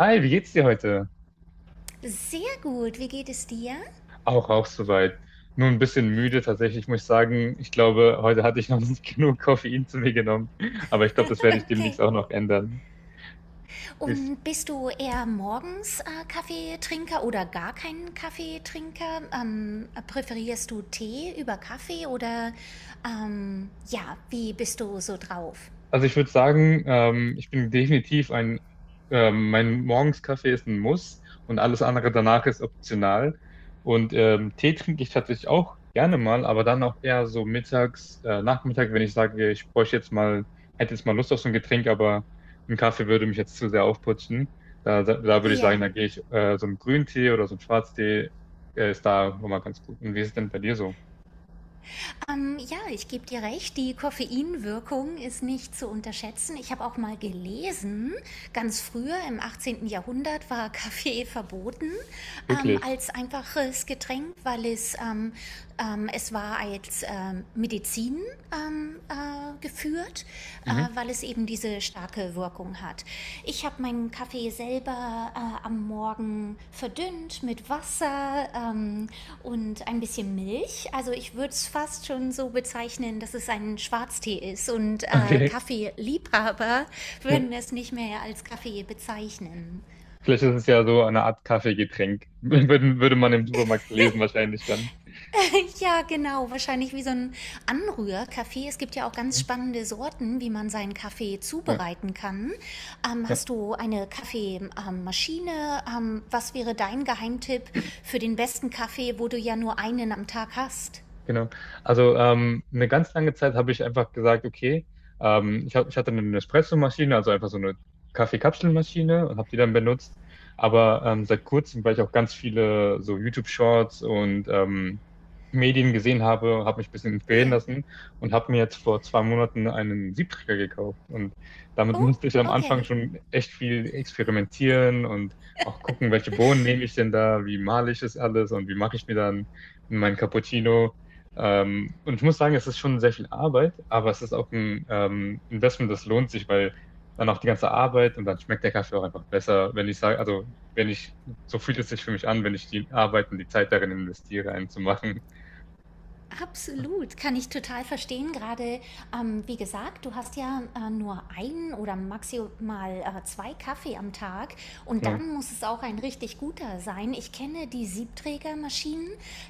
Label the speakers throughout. Speaker 1: Hi, wie geht's dir heute?
Speaker 2: Sehr gut, wie geht es dir?
Speaker 1: Auch soweit. Nur ein bisschen müde tatsächlich, muss ich sagen. Ich glaube, heute hatte ich noch nicht genug Koffein zu mir genommen. Aber ich glaube, das werde ich
Speaker 2: Okay.
Speaker 1: demnächst auch noch ändern.
Speaker 2: Und bist du eher morgens Kaffeetrinker oder gar kein Kaffeetrinker? Präferierst du Tee über Kaffee oder ja, wie bist du so drauf?
Speaker 1: Also ich würde sagen, ich bin definitiv ein, mein Morgenskaffee ist ein Muss und alles andere danach ist optional. Und Tee trinke ich tatsächlich auch gerne mal, aber dann auch eher so mittags, Nachmittag, wenn ich sage, ich bräuchte jetzt mal, hätte jetzt mal Lust auf so ein Getränk, aber ein Kaffee würde mich jetzt zu sehr aufputschen. Da würde ich
Speaker 2: Ja.
Speaker 1: sagen, da gehe ich so einen Grüntee oder so einen Schwarztee, ist da immer ganz gut. Und wie ist es denn bei dir so?
Speaker 2: Ja, ich gebe dir recht, die Koffeinwirkung ist nicht zu unterschätzen. Ich habe auch mal gelesen, ganz früher im 18. Jahrhundert war Kaffee verboten,
Speaker 1: Wirklich?
Speaker 2: als einfaches Getränk, weil es war als Medizin geführt,
Speaker 1: Mhm.
Speaker 2: weil es eben diese starke Wirkung hat. Ich habe meinen Kaffee selber am Morgen verdünnt mit Wasser und ein bisschen Milch. Also ich würde es fast schon so bezeichnen, dass es ein Schwarztee ist und
Speaker 1: Okay.
Speaker 2: Kaffeeliebhaber würden es nicht mehr als Kaffee bezeichnen.
Speaker 1: Vielleicht ist es ja so eine Art Kaffeegetränk. Würde man im Supermarkt lesen, wahrscheinlich dann.
Speaker 2: Ja, genau. Wahrscheinlich wie so ein Anrührkaffee. Es gibt ja auch ganz
Speaker 1: Ja,
Speaker 2: spannende Sorten, wie man seinen Kaffee
Speaker 1: ja.
Speaker 2: zubereiten kann. Hast du eine Kaffeemaschine? Was wäre dein Geheimtipp für den besten Kaffee, wo du ja nur einen am Tag hast?
Speaker 1: Genau. Also eine ganz lange Zeit habe ich einfach gesagt, okay, ich hatte eine Nespresso-Maschine, also einfach so eine Kaffeekapselmaschine und habe die dann benutzt. Aber seit kurzem, weil ich auch ganz viele so YouTube-Shorts und Medien gesehen habe, habe mich ein bisschen inspirieren
Speaker 2: Hier.
Speaker 1: lassen und habe mir jetzt vor zwei Monaten einen Siebträger gekauft. Und damit
Speaker 2: Oh,
Speaker 1: musste ich am Anfang
Speaker 2: okay.
Speaker 1: schon echt viel experimentieren und auch gucken, welche Bohnen nehme ich denn da, wie male ich das alles und wie mache ich mir dann mein Cappuccino. Und ich muss sagen, es ist schon sehr viel Arbeit, aber es ist auch ein Investment, das lohnt sich, weil dann auch die ganze Arbeit und dann schmeckt der Kaffee auch einfach besser, wenn ich sage, also wenn ich, so fühlt es sich für mich an, wenn ich die Arbeit und die Zeit darin investiere, einen zu machen.
Speaker 2: Absolut, kann ich total verstehen. Gerade, wie gesagt, du hast ja nur einen oder maximal zwei Kaffee am Tag, und
Speaker 1: Genau.
Speaker 2: dann muss es auch ein richtig guter sein. Ich kenne die Siebträgermaschinen,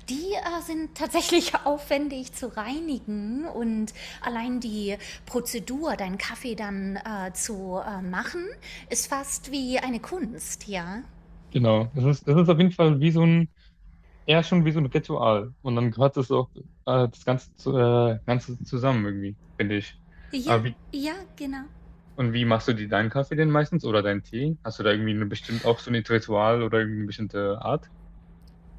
Speaker 2: die sind tatsächlich aufwendig zu reinigen, und allein die Prozedur, deinen Kaffee dann zu machen, ist fast wie eine Kunst, ja?
Speaker 1: Genau. Es ist auf jeden Fall wie so ein, eher schon wie so ein Ritual. Und dann gehört es auch das Ganze, zu, Ganze zusammen irgendwie, finde ich.
Speaker 2: Ja,
Speaker 1: Aber wie,
Speaker 2: ja, genau.
Speaker 1: und wie machst du dir deinen Kaffee denn meistens oder deinen Tee? Hast du da irgendwie eine bestimmt auch so ein Ritual oder irgendwie eine bestimmte Art?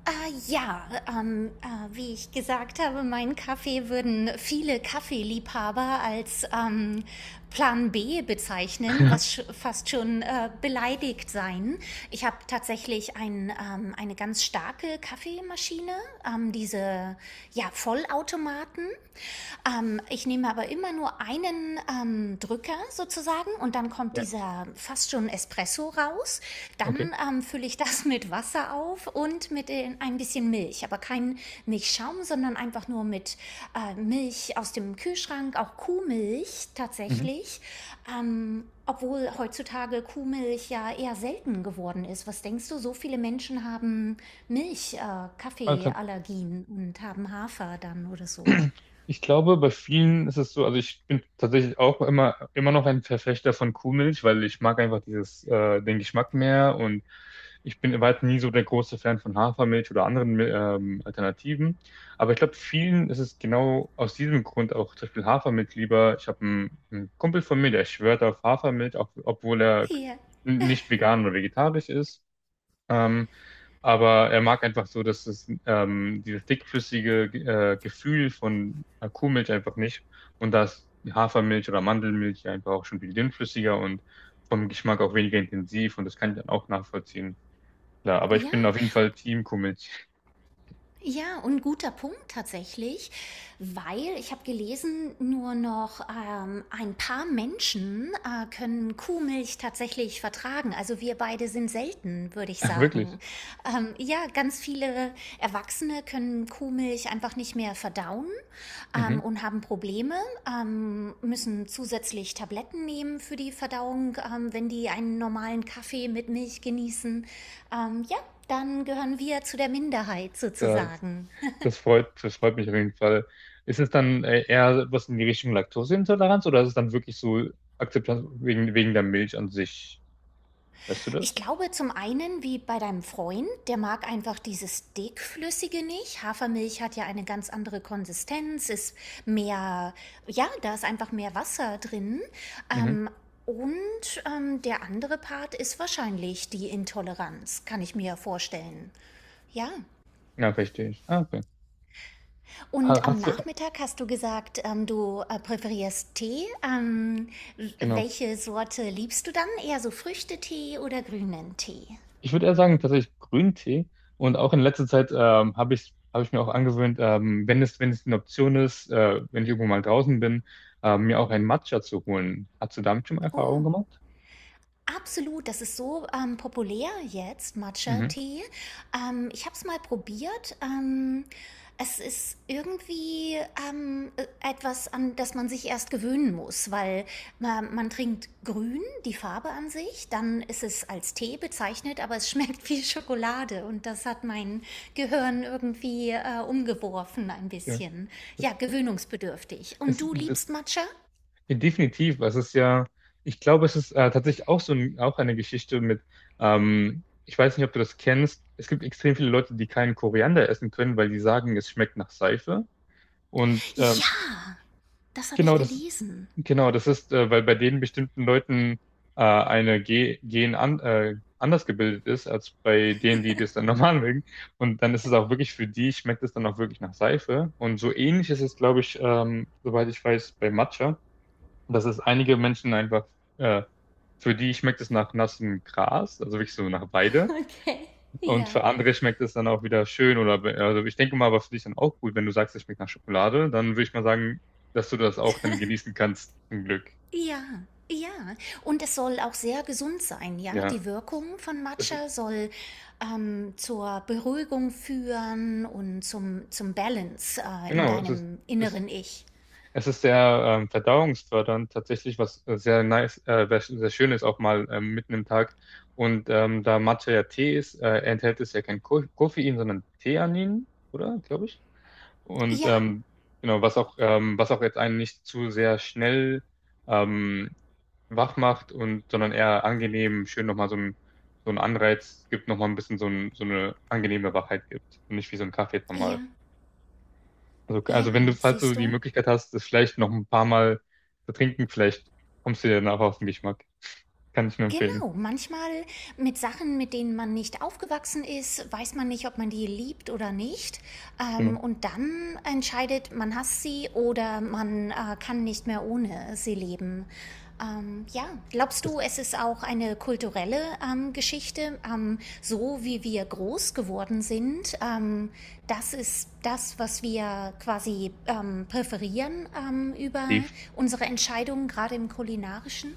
Speaker 2: Ah, ja, ah, wie ich gesagt habe, meinen Kaffee würden viele Kaffeeliebhaber als Plan B bezeichnen, was sch fast schon beleidigt sein. Ich habe tatsächlich eine ganz starke Kaffeemaschine, diese ja, Vollautomaten. Ich nehme aber immer nur einen Drücker sozusagen, und dann kommt
Speaker 1: Ja,
Speaker 2: dieser fast schon Espresso raus.
Speaker 1: okay.
Speaker 2: Dann fülle ich das mit Wasser auf und mit den, ein bisschen Milch. Aber kein Milchschaum, sondern einfach nur mit Milch aus dem Kühlschrank, auch Kuhmilch
Speaker 1: Mhm.
Speaker 2: tatsächlich. Obwohl heutzutage Kuhmilch ja eher selten geworden ist. Was denkst du, so viele Menschen haben
Speaker 1: Also,
Speaker 2: Kaffeeallergien und haben Hafer dann oder so?
Speaker 1: ich glaube, bei vielen ist es so, also ich bin tatsächlich auch immer, immer noch ein Verfechter von Kuhmilch, weil ich mag einfach dieses, den Geschmack mehr und ich bin weit nie so der große Fan von Hafermilch oder anderen Alternativen. Aber ich glaube, vielen ist es genau aus diesem Grund auch zum Beispiel Hafermilch lieber. Ich habe einen Kumpel von mir, der schwört auf Hafermilch, auch, obwohl er
Speaker 2: Ja.
Speaker 1: nicht vegan oder vegetarisch ist. Ähm, aber er mag einfach so, dass es dieses dickflüssige Gefühl von Kuhmilch einfach nicht. Und da ist Hafermilch oder Mandelmilch ja einfach auch schon viel dünnflüssiger und vom Geschmack auch weniger intensiv. Und das kann ich dann auch nachvollziehen. Klar, aber ich
Speaker 2: Ja,
Speaker 1: bin auf jeden Fall Team Kuhmilch.
Speaker 2: ja, und guter Punkt tatsächlich, weil ich habe gelesen, nur noch ein paar Menschen können Kuhmilch tatsächlich vertragen. Also wir beide sind selten, würde ich
Speaker 1: Ach,
Speaker 2: sagen.
Speaker 1: wirklich.
Speaker 2: Ja, ganz viele Erwachsene können Kuhmilch einfach nicht mehr verdauen,
Speaker 1: Mhm.
Speaker 2: und haben Probleme, müssen zusätzlich Tabletten nehmen für die Verdauung, wenn die einen normalen Kaffee mit Milch genießen. Ja, dann gehören wir zu der Minderheit
Speaker 1: Da-
Speaker 2: sozusagen.
Speaker 1: das freut mich auf jeden Fall. Ist es dann eher was in die Richtung Laktoseintoleranz oder ist es dann wirklich so Akzeptanz wegen der Milch an sich? Weißt du
Speaker 2: Ich
Speaker 1: das?
Speaker 2: glaube zum einen, wie bei deinem Freund, der mag einfach dieses dickflüssige nicht. Hafermilch hat ja eine ganz andere Konsistenz, ist mehr, ja, da ist einfach mehr Wasser drin.
Speaker 1: Mhm.
Speaker 2: Ähm, Der andere Part ist wahrscheinlich die Intoleranz, kann ich mir vorstellen. Ja.
Speaker 1: Ja, verstehe ich. Ah, Ha-
Speaker 2: Und am
Speaker 1: Hast du,
Speaker 2: Nachmittag hast du gesagt, du präferierst Tee.
Speaker 1: genau.
Speaker 2: Welche Sorte liebst du dann? Eher so Früchtetee oder grünen Tee?
Speaker 1: Ich würde eher sagen, tatsächlich Grüntee. Und auch in letzter Zeit habe ich mir auch angewöhnt, wenn es eine Option ist, wenn ich irgendwo mal draußen bin, mir auch einen Matcha zu holen. Hast du damit schon mal Erfahrungen gemacht?
Speaker 2: Absolut, das ist so populär jetzt,
Speaker 1: Mhm.
Speaker 2: Matcha-Tee. Ich habe es mal probiert. Es ist irgendwie etwas, an das man sich erst gewöhnen muss, weil man trinkt grün, die Farbe an sich, dann ist es als Tee bezeichnet, aber es schmeckt wie Schokolade, und das hat mein Gehirn irgendwie umgeworfen ein
Speaker 1: Ja.
Speaker 2: bisschen. Ja, gewöhnungsbedürftig. Und
Speaker 1: Es,
Speaker 2: du
Speaker 1: d-
Speaker 2: liebst Matcha?
Speaker 1: ja, definitiv. Es ist ja, ich glaube, es ist tatsächlich auch so ein, auch eine Geschichte mit, ich weiß nicht, ob du das kennst. Es gibt extrem viele Leute, die keinen Koriander essen können, weil die sagen, es schmeckt nach Seife. Und äh,
Speaker 2: Ja, das habe ich
Speaker 1: Genau, das,
Speaker 2: gelesen.
Speaker 1: genau, das ist, weil bei den bestimmten Leuten eine Ge Gen an, anders gebildet ist, als bei denen, die das dann normal mögen. Und dann ist es auch wirklich für die, schmeckt es dann auch wirklich nach Seife. Und so ähnlich ist es, glaube ich, soweit ich weiß, bei Matcha, dass es einige Menschen einfach, äh, für die schmeckt es nach nassem Gras, also wirklich so nach Weide.
Speaker 2: Okay.
Speaker 1: Und
Speaker 2: Ja.
Speaker 1: für andere schmeckt es dann auch wieder schön oder, also ich denke mal, aber für dich dann auch gut, wenn du sagst, es schmeckt nach Schokolade, dann würde ich mal sagen, dass du das auch dann genießen kannst, zum Glück.
Speaker 2: Ja. Ja, und es soll auch sehr gesund sein, ja.
Speaker 1: Ja,
Speaker 2: Die Wirkung von
Speaker 1: es ist,
Speaker 2: Matcha soll zur Beruhigung führen und zum, zum Balance in
Speaker 1: genau, es ist,
Speaker 2: deinem
Speaker 1: es,
Speaker 2: inneren Ich.
Speaker 1: es ist sehr verdauungsfördernd tatsächlich, was sehr nice, was sehr schön ist, auch mal mitten im Tag. Und da Matcha ja Tee ist, enthält es ja kein Ko Koffein, sondern Theanin, oder? Glaube ich. Und
Speaker 2: Ja,
Speaker 1: genau, was auch jetzt einen nicht zu sehr schnell ähm, wach macht und, sondern eher angenehm, schön nochmal so ein Anreiz gibt, nochmal ein bisschen so, ein, so eine angenehme Wachheit gibt und nicht wie so ein Kaffee jetzt nochmal.
Speaker 2: ja,
Speaker 1: Also,
Speaker 2: ja,
Speaker 1: also wenn du, falls du
Speaker 2: siehst
Speaker 1: die
Speaker 2: du?
Speaker 1: Möglichkeit hast, das vielleicht noch ein paar Mal zu trinken, vielleicht kommst du dir danach auf den Geschmack. Kann ich nur empfehlen.
Speaker 2: Genau, manchmal mit Sachen, mit denen man nicht aufgewachsen ist, weiß man nicht, ob man die liebt oder nicht.
Speaker 1: Genau.
Speaker 2: Und dann entscheidet, man hasst sie oder man kann nicht mehr ohne sie leben. Ja, glaubst
Speaker 1: Das
Speaker 2: du, es ist auch eine kulturelle Geschichte, so wie wir groß geworden sind? Das ist das, was wir quasi präferieren über
Speaker 1: die,
Speaker 2: unsere Entscheidungen, gerade im kulinarischen?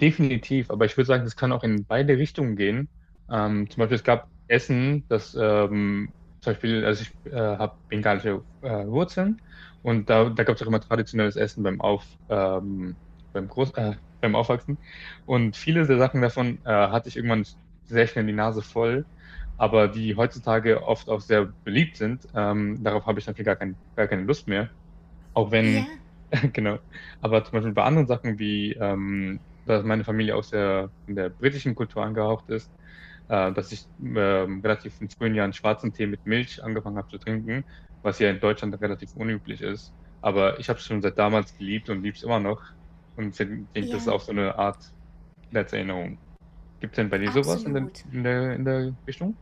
Speaker 1: Definitiv, aber ich würde sagen, das kann auch in beide Richtungen gehen. Zum Beispiel, es gab Essen, das zum Beispiel, also ich habe bengalische Wurzeln und da gab es auch immer traditionelles Essen beim Auf, beim Groß, beim Aufwachsen. Und viele der Sachen davon hatte ich irgendwann sehr schnell die Nase voll, aber die heutzutage oft auch sehr beliebt sind, darauf habe ich natürlich gar keine Lust mehr. Auch
Speaker 2: Ja,
Speaker 1: wenn, genau. Aber zum Beispiel bei anderen Sachen wie, dass meine Familie auch sehr in der britischen Kultur angehaucht ist, dass ich relativ in frühen Jahren schwarzen Tee mit Milch angefangen habe zu trinken, was ja in Deutschland relativ unüblich ist. Aber ich habe es schon seit damals geliebt und liebe es immer noch. Und ich denke, das ist
Speaker 2: ja.
Speaker 1: auch so eine Art Kindheitserinnerung. Gibt es denn bei dir sowas in der,
Speaker 2: Absolut.
Speaker 1: in der, in der Richtung?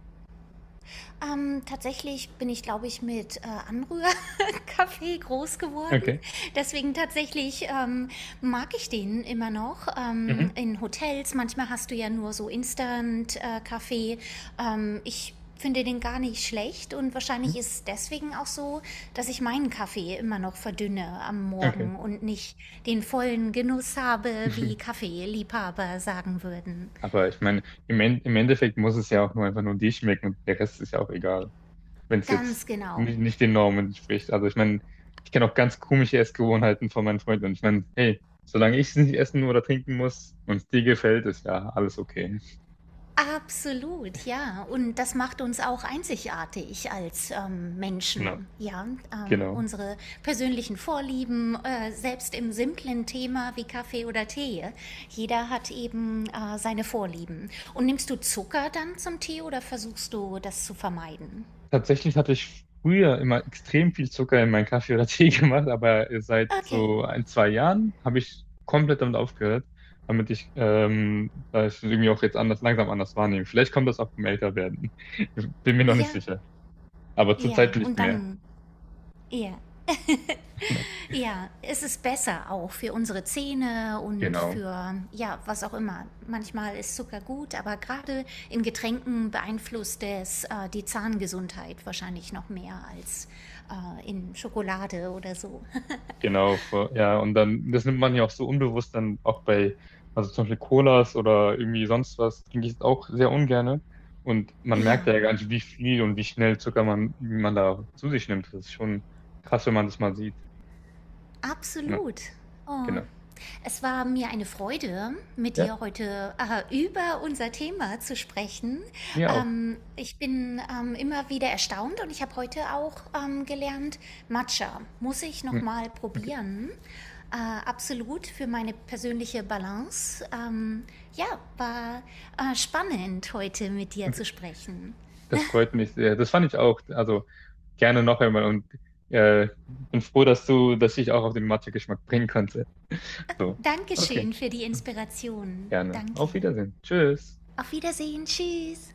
Speaker 2: Tatsächlich bin ich, glaube ich, mit Anrührkaffee groß geworden.
Speaker 1: Okay.
Speaker 2: Deswegen tatsächlich mag ich den immer noch.
Speaker 1: Mhm.
Speaker 2: In Hotels, manchmal hast du ja nur so Instant-Kaffee. Ich finde den gar nicht schlecht, und wahrscheinlich
Speaker 1: Mhm.
Speaker 2: ist es deswegen auch so, dass ich meinen Kaffee immer noch verdünne am
Speaker 1: Okay.
Speaker 2: Morgen und nicht den vollen Genuss habe, wie Kaffeeliebhaber sagen würden.
Speaker 1: Aber ich meine, im Endeffekt muss es ja auch nur einfach nur dir schmecken und der Rest ist ja auch egal, wenn es
Speaker 2: Ganz
Speaker 1: jetzt
Speaker 2: genau.
Speaker 1: nicht, nicht den Normen entspricht. Also ich meine, ich kenne auch ganz komische Essgewohnheiten von meinen Freunden und ich meine, hey, solange ich es nicht essen oder trinken muss und es dir gefällt, ist ja alles okay.
Speaker 2: Absolut, ja. Und das macht uns auch einzigartig als
Speaker 1: Genau,
Speaker 2: Menschen. Ja,
Speaker 1: genau.
Speaker 2: unsere persönlichen Vorlieben, selbst im simplen Thema wie Kaffee oder Tee. Jeder hat eben seine Vorlieben. Und nimmst du Zucker dann zum Tee oder versuchst du das zu vermeiden?
Speaker 1: Tatsächlich hatte ich früher immer extrem viel Zucker in meinen Kaffee oder Tee gemacht, aber seit
Speaker 2: Okay,
Speaker 1: so ein, zwei Jahren habe ich komplett damit aufgehört, damit ich, da ich es irgendwie auch jetzt anders, langsam anders wahrnehme. Vielleicht kommt das auch beim Älterwerden. Bin mir noch nicht
Speaker 2: ja,
Speaker 1: sicher. Aber zurzeit
Speaker 2: ja.
Speaker 1: nicht
Speaker 2: Und
Speaker 1: mehr.
Speaker 2: dann, ja. Ja, es ist besser auch für unsere Zähne und
Speaker 1: Genau.
Speaker 2: für, ja, was auch immer. Manchmal ist Zucker gut, aber gerade in Getränken beeinflusst es die Zahngesundheit wahrscheinlich noch mehr als in Schokolade oder so.
Speaker 1: Genau, ja, und dann, das nimmt man ja auch so unbewusst dann auch bei, also zum Beispiel Colas oder irgendwie sonst was, trinke ich es auch sehr ungerne. Und man
Speaker 2: Ja,
Speaker 1: merkt ja gar nicht, wie viel und wie schnell Zucker wie man da zu sich nimmt. Das ist schon krass, wenn man das mal sieht. Ja,
Speaker 2: absolut. Oh,
Speaker 1: genau.
Speaker 2: es war mir eine Freude, mit
Speaker 1: Ja,
Speaker 2: dir heute über unser Thema zu sprechen.
Speaker 1: mir auch.
Speaker 2: Ich bin immer wieder erstaunt, und ich habe heute auch gelernt, Matcha muss ich
Speaker 1: Hm,
Speaker 2: noch mal
Speaker 1: okay,
Speaker 2: probieren. Äh, absolut für meine persönliche Balance. Ja, war spannend heute mit dir
Speaker 1: okay.
Speaker 2: zu sprechen.
Speaker 1: Das freut mich sehr. Das fand ich auch. Also gerne noch einmal und bin froh, dass ich auch auf den Mathe-Geschmack bringen konnte. So, okay,
Speaker 2: Dankeschön für die Inspiration.
Speaker 1: gerne.
Speaker 2: Danke.
Speaker 1: Auf Wiedersehen. Tschüss.
Speaker 2: Auf Wiedersehen. Tschüss.